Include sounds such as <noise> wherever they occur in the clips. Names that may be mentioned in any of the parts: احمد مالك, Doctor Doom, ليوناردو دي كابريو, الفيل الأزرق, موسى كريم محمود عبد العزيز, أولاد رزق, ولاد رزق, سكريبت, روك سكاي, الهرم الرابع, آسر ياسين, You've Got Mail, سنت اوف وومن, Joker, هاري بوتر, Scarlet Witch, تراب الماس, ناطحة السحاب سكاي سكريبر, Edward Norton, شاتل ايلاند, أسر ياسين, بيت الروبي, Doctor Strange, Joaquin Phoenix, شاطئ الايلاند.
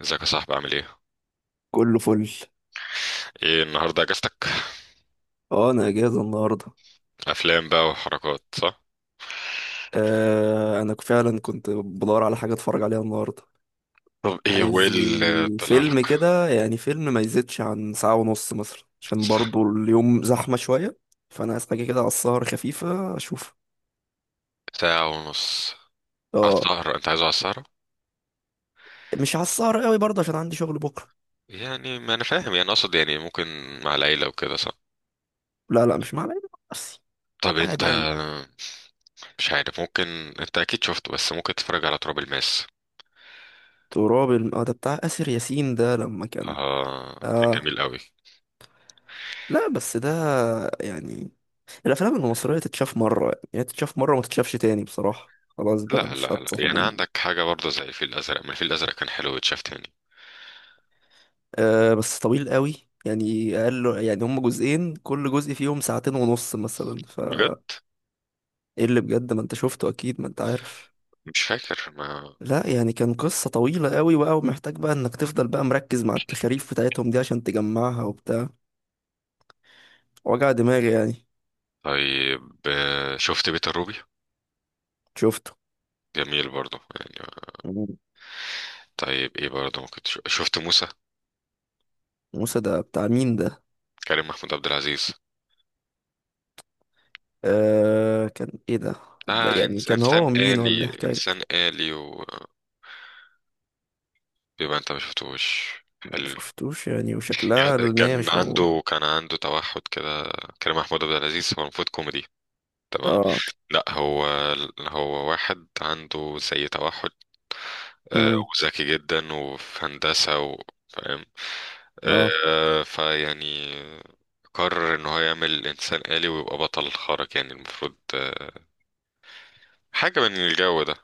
ازيك يا صاحبي؟ عامل ايه؟ كله فل. ايه النهارده اجازتك؟ اه، انا اجازه النهارده. افلام بقى وحركات صح؟ آه، انا فعلا كنت بدور على حاجه اتفرج عليها النهارده. طب ايه هو ايه عايز اللي لي طلع فيلم لك؟ كده يعني فيلم ما يزيدش عن ساعه ونص مثلا عشان برضو اليوم زحمه شويه، فانا عايز حاجه كده على السهر خفيفه اشوف. ساعة ونص على اه. السهرة؟ انت عايزه على السهرة؟ مش على السهر قوي برضه عشان عندي شغل بكره. يعني ما انا فاهم، يعني اقصد يعني ممكن مع العيلة وكده صح؟ لا لا، مش مع العيلة، مع نفسي. طب انت عادي يعني. مش عارف ممكن. انت اكيد شفته بس ممكن تتفرج على تراب الماس. اه، ده بتاع آسر ياسين ده لما كان. اه كان اه. جميل قوي. لا بس ده يعني الافلام المصريه تتشاف مره يعني تتشاف مره ما تتشافش تاني بصراحه، خلاص بقى لا مش لا لا، يعني هتصاحبون. عندك حاجة برضه زي الفيل الأزرق، ما الفيل الأزرق كان حلو واتشاف تاني. أه بس طويل قوي، يعني اقل يعني هم جزئين كل جزء فيهم ساعتين ونص مثلا ف. بجد؟ ايه اللي بجد، ما انت شفته اكيد ما انت عارف. مش فاكر ما. لا يعني كان قصه طويله قوي بقى، ومحتاج بقى انك تفضل بقى مركز مع التخاريف بتاعتهم دي عشان تجمعها وبتاع، وجع دماغي يعني. طيب شفت بيت الروبي؟ شفته. جميل برضو يعني. مم. طيب ايه برضو ممكن تشوف، شفت موسى؟ موسى ده بتاع مين ده؟ كريم محمود عبد العزيز. أه كان ايه ده. طب ده اه يعني كان هو انسان ومين ولا إيه آلي، الحكايه؟ انسان آلي ويبقى. انت ما شفتوش. حلو. شفتوش يعني، وشكلها على ان هي كان مش موجود. عنده كان عنده توحد كده. كريم محمود عبد العزيز هو المفروض كوميدي. تمام. اه. لا هو، هو واحد عنده زي توحد. آه، امم وذكي جدا وفي هندسة فاهم. اه فيعني قرر ان هو يعمل انسان آلي ويبقى بطل خارق، يعني المفروض حاجة من الجو ده.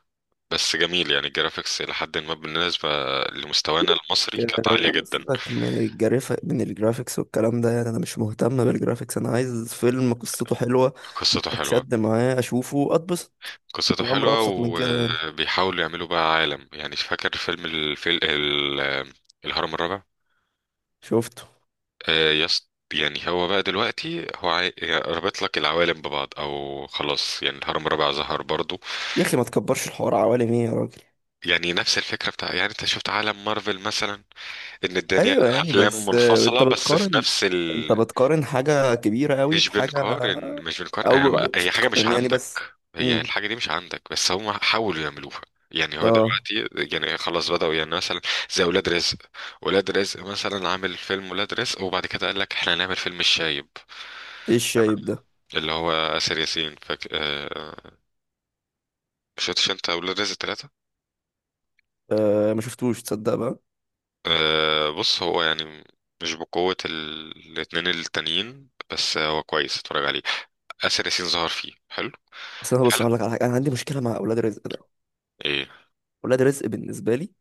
بس جميل يعني، الجرافيكس إلى حد ما بالنسبة لمستوانا سيبك. المصري كانت آه، يا عالية عم جدا. سيبك من الجرافيك من الجرافيكس والكلام ده، يعني انا مش مهتم بالجرافيكس، انا عايز فيلم قصته حلوه قصته حلوة. اتشد معاه اشوفه اتبسط. قصته الامر حلوة، ابسط من كده يعني. وبيحاولوا يعملوا بقى عالم. يعني فاكر فيلم الهرم الرابع؟ شفته. يس، يعني هو بقى دلوقتي هو يعني رابط لك العوالم ببعض، او خلاص يعني الهرم الرابع ظهر برضو. يا اخي ما تكبرش الحوار، عوالم ايه يا راجل؟ يعني نفس الفكرة بتاع، يعني انت شفت عالم مارفل مثلا؟ ان الدنيا ايوه يعني افلام بس آه، انت منفصلة بس في بتقارن، نفس انت ال... بتقارن حاجه كبيره قوي مش بحاجه. بنقارن مش بنقارن أنا او بقى، مش هي حاجة مش بتقارن يعني بس. عندك، هي امم الحاجة دي مش عندك بس هم حاولوا يعملوها. يعني هو اه. دلوقتي يعني خلاص بدأوا، يعني مثلا زي ولاد رزق. ولاد رزق مثلا عامل فيلم ولاد رزق، وبعد كده قال لك احنا هنعمل فيلم الشايب ايه الشايب ده؟ اللي هو آسر ياسين شفتش انت ولاد رزق ثلاثة؟ آه ما شفتوش تصدق بقى. آه... بص هو يعني مش بقوة ال... الاتنين التانيين، بس هو كويس، اتفرج عليه. آسر ياسين ظهر فيه حلو. اصل انا بص هقول لك حلقة. على حاجه، انا عندي مشكله مع اولاد رزق ده. ايه اولاد رزق بالنسبه لي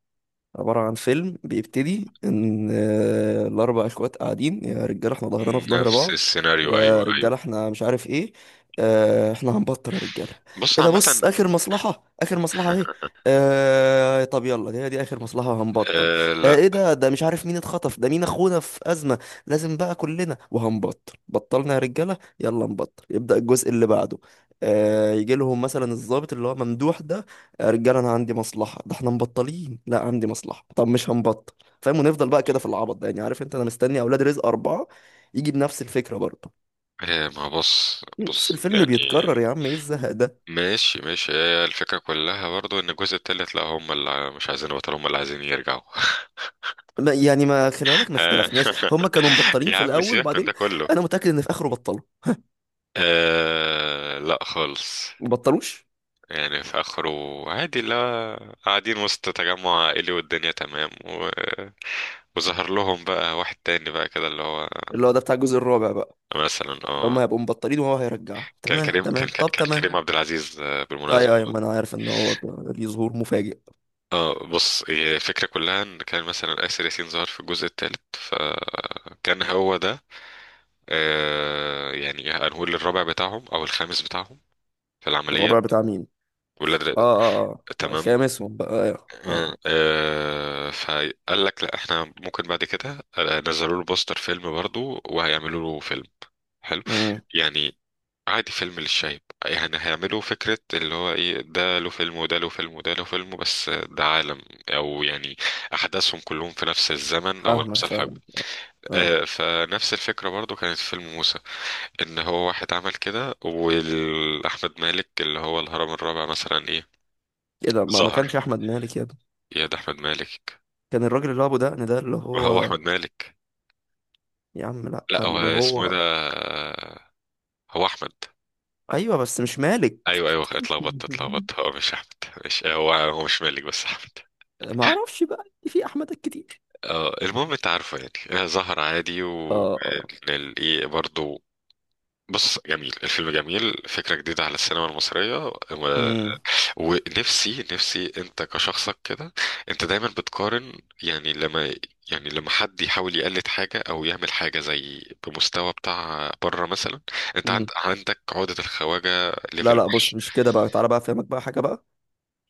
عبارة عن فيلم بيبتدي إن آه، الأربع إخوات قاعدين، يا رجالة إحنا ظهرنا في ظهر نفس بعض، السيناريو، يا ايوه ايوه. رجالة إحنا مش عارف إيه، آه، إحنا هنبطل يا رجالة. بص إيه ده، بص عامة. آخر مصلحة، آخر مصلحة أهي. <laughs> آه، طب يلا دي آخر مصلحة هنبطل. آه آه، لا. إيه ده، ده مش عارف مين اتخطف، ده مين أخونا في أزمة، لازم بقى كلنا وهنبطل، بطلنا يا رجالة يلا نبطل. يبدأ الجزء اللي بعده، آه، يجي لهم مثلا الضابط اللي هو ممدوح ده، يا رجاله انا عندي مصلحه، ده احنا مبطلين، لا عندي مصلحه، طب مش هنبطل. فاهم؟ ونفضل بقى كده في العبط ده يعني. عارف انت انا مستني اولاد رزق اربعه يجي بنفس الفكره برضه، ما بص نفس بص الفيلم يعني بيتكرر يا عم، ايه الزهق ده؟ ماشي ماشي هي الفكرة كلها برضو ان الجزء التالت لا هم اللي مش عايزين البطل هم اللي عايزين يرجعوا <laughs> ما يعني ما خلي بالك، ما آه اختلفناش، هما <laughs> كانوا مبطلين يا في عم الاول سيبك من وبعدين. ده كله. انا متاكد ان في اخره بطلوا. آه لا خالص. ما بطلوش. يعني في اخره عادي، لا، قاعدين وسط تجمع عائلي والدنيا تمام و... وظهر لهم بقى واحد تاني بقى كده اللي هو. اللي هو ده بتاع الجزء الرابع بقى، مثلا اللي هما اه، هيبقوا مبطلين وهو هيرجعه. كان تمام كريم كان تمام، طب كان تمام. كريم عبد العزيز بالمناسبة. ايوه ايوه، ما انا عارف ان هو كان ليه ظهور مفاجئ. اه بص، هي الفكرة كلها ان كان مثلا آسر ياسين ظهر في الجزء الثالث، فكان هو ده. آه، يعني هنقول الرابع بتاعهم او الخامس بتاعهم في الرابع العمليات. بتاع مين؟ والولاد اه ر- اه اه، تمام. الخامسهم بقى. ايوه ايوه. فقال لك لا احنا ممكن بعد كده، نزلوا له بوستر فيلم برضو وهيعملوا له فيلم. حلو مم. يعني، عادي، فيلم للشايب. يعني هيعملوا فكرة اللي هو ايه، ده له فيلم وده له فيلم وده له فيلم، بس ده عالم، او يعني احداثهم كلهم في نفس الزمن او فاهمك نفس الحقبة. فاهمك. اه. آه، فنفس الفكرة برضو كانت في فيلم موسى. ان هو واحد عمل كده، واحمد مالك اللي هو الهرم الرابع مثلا. ايه، ايه ده، ما ظهر. كانش احمد مالك يا ابني. يا ده احمد مالك. كان الراجل اللي هو ابو دقن ده اللي ما هو هو. احمد مالك. يا عم لا، لا هو اللي اسمه إيه ده؟ هو. هو احمد. ايوه بس مش مالك. ايوه ايوه، <laughs> اتلخبطت اتلخبطت. هو مش احمد. مش هو، هو مش مالك بس احمد. ما اعرفش بقى، في احمدات كتير. اه المهم انت عارفه. يعني ظهر عادي اه اه. والايه برضه. بص جميل الفيلم، جميل، فكرة جديدة على السينما المصرية و- امم ونفسي، نفسي انت كشخصك كده انت دايما بتقارن. يعني لما يعني لما حد يحاول يقلد حاجة او يعمل حاجة زي بمستوى بتاع بره مثلا، انت عند امم عندك عقدة الخواجة لا ليفل لا، بص وحش. مش كده بقى، تعالى بقى افهمك بقى حاجه بقى.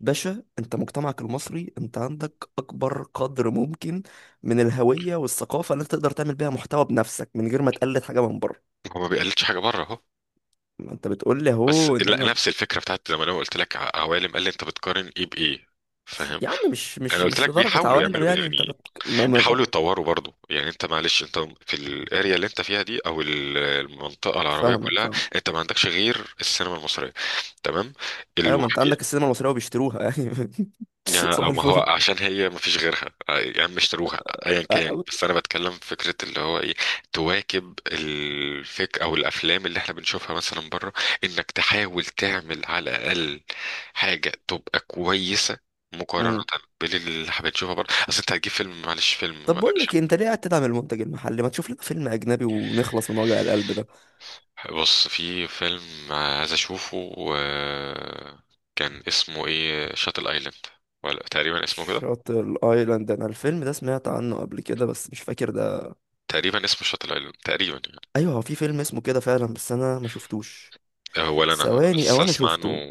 باشا، انت مجتمعك المصري انت عندك اكبر قدر ممكن من الهويه والثقافه اللي انت تقدر تعمل بيها محتوى بنفسك من غير ما تقلد حاجه من بره. هو ما بيقلدش حاجة بره اهو. ما انت بتقول لي بس اهو ان لا، انا. نفس الفكرة بتاعت زي ما انا قلت لك عوالم، قال لي انت بتقارن ايه بايه. فاهم. يا عم مش انا مش قلت مش لك لدرجه بيحاولوا عوالم يعملوا، يعني، يعني ما... ما... بيحاولوا يطوروا برضو. يعني انت معلش انت في الاريا اللي انت فيها دي او المنطقه العربيه فاهمك، كلها، فاهم. انت ما عندكش غير السينما المصريه. تمام. ايوه، ما انت عندك الوحيد. السينما المصريه وبيشتروها يعني. <laughs> صباح ما هو الفل. عشان هي ما فيش غيرها. يا عم اشتروها ايا كان، أيوة. بس انا بتكلم في فكره اللي هو ايه، تواكب الفك او الافلام اللي احنا بنشوفها مثلا بره، انك تحاول تعمل على الاقل حاجه تبقى كويسه، مقارنه أمم. باللي احنا بنشوفها بره. اصل انت هتجيب فيلم، معلش فيلم طب بقول لك اكشن. إيه، انت ليه قاعد تدعم المنتج المحلي؟ ما تشوف لنا فيلم اجنبي ونخلص من وجع القلب ده. بص، في فيلم عايز اشوفه، كان اسمه ايه، شاتل ايلاند، ولا تقريبا اسمه كده. شاطئ الايلاند، انا الفيلم ده سمعت عنه قبل كده بس مش فاكر ده. تقريبا اسمه شاتل ايلاند تقريبا. ايوه هو في فيلم اسمه كده فعلا، بس انا ما شفتوش. هو اللي انا ثواني، او لسه انا اسمع عنه. شفته.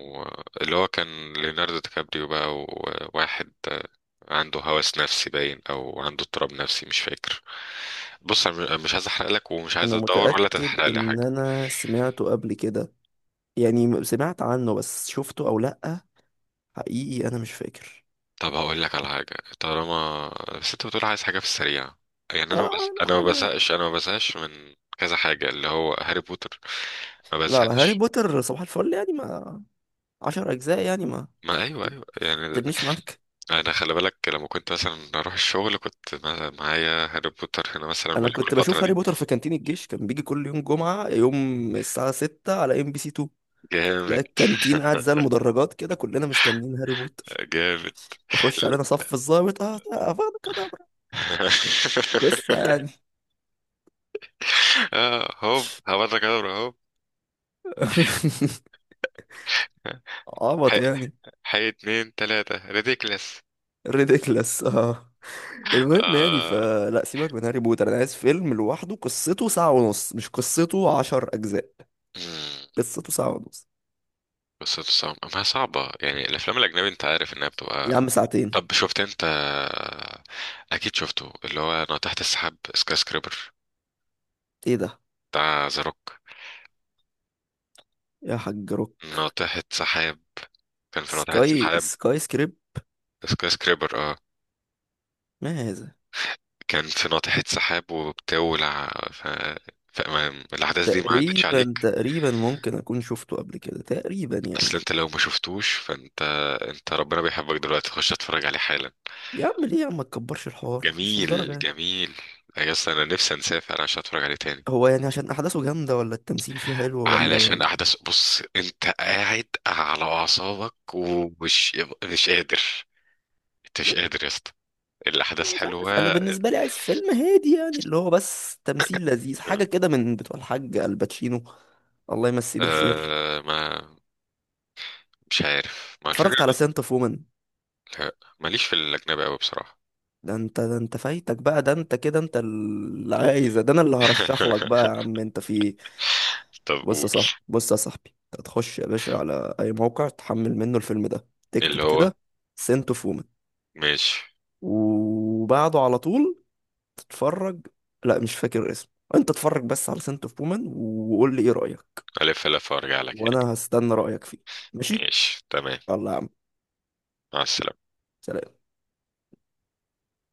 اللي هو كان ليوناردو دي كابريو بقى، وواحد عنده هوس نفسي باين او عنده اضطراب نفسي مش فاكر. بص انا مش عايز احرق لك، ومش عايز انا ادور ولا متاكد تتحرق لي ان حاجه. انا سمعته قبل كده، يعني سمعت عنه بس شفته او لا حقيقي انا مش فاكر. طب هقول لك على حاجه طالما، بس انت بتقول عايز حاجه في السريع. يعني انا اه. بس... انا ما حاجه. بزهقش، انا ما بزهقش من كذا حاجه اللي هو هاري بوتر. ما لا لا، هاري بزهقش. بوتر صباح الفل يعني، ما عشر أجزاء يعني، ما ما ايوه ايوه يعني. تبنيش معاك. انا خلي بالك لما كنت مثلا اروح الشغل، كنت معايا هاري بوتر هنا مثلا، أنا كنت والفتره بشوف هاري دي. بوتر في كانتين الجيش، كان بيجي كل يوم جمعة، يوم الساعة ستة على ام بي سي 2. لا جامد. الكانتين قاعد زي المدرجات كده، كلنا مستنيين هاري بوتر جامد. يخش علينا، صف الضابط اه آه، فاضي كده. قصة <laughs> يعني. هوب هبدا كده. هوب. <laughs> عبط حي. يعني. حي اتنين تلاتة ريديكلس. ريديكلس اه. المهم يعني، آه. فلا سيبك من هاري بوتر، انا عايز فيلم لوحده قصته ساعة ونص مش قصته عشر اجزاء. مم. قصته ساعة ونص. بس صعب، ما هي صعبة يعني الأفلام الأجنبي أنت عارف إنها يا بتبقى. عم ساعتين. طب شفت أنت، أكيد شفته، اللي هو ناطحة السحاب سكاي سكريبر ايه ده؟ بتاع ذا روك؟ يا حاج روك. ناطحة سحاب، كان في ناطحة سكاي سحاب سكاي سكريبت. سكاي سكريبر، اه. ما هذا؟ كان في ناطحة سحاب وبتاع ولع ف... فما الأحداث دي ما عدتش تقريبا عليك. تقريبا ممكن اكون شفته قبل كده تقريبا يعني. أصل أنت لو ما شفتوش فأنت، أنت ربنا بيحبك دلوقتي، خش اتفرج عليه حالا. يا عم ليه، يا عم ما تكبرش الحوار، مش للدرجه جميل يعني. جميل. يا اسطى أنا نفسي أنساه فعلا عشان أتفرج عليه تاني. هو يعني عشان احداثه جامده، ولا التمثيل فيه حلو، ولا علشان ولا. أحداث، بص أنت قاعد على أعصابك ومش مش قادر، أنت مش يا قادر يا اسطى. الأحداث ابني مش حلوة. عارف، انا بالنسبه لي عايز فيلم هادي يعني، اللي هو بس تمثيل لذيذ، حاجه كده من بتوع الحاج الباتشينو، الله يمسيه بالخير. آه ما مش عارف، ما الفكرة. اتفرجت على سنت اوف وومن؟ لا، ماليش في الأجنبي أوي بصراحة. ده انت، ده انت فايتك بقى، ده انت كده، انت اللي عايزه ده، انا اللي هرشح لك بقى يا <laughs> عم، انت في إيه؟ طب بص قول. يا صاحبي، بص يا صاحبي، انت هتخش يا باشا على اي موقع تحمل منه الفيلم ده، اللي تكتب هو كده سنت اوف وومن، ماشي. وبعده على طول تتفرج. لا مش فاكر اسمه، انت اتفرج بس على سنت اوف وومن وقول لي ايه رأيك، ألف ألف وأرجع لك يعني. وانا هستنى رأيك فيه. ماشي. ماشي تمام. يلا يا عم. مع السلامة. سلام.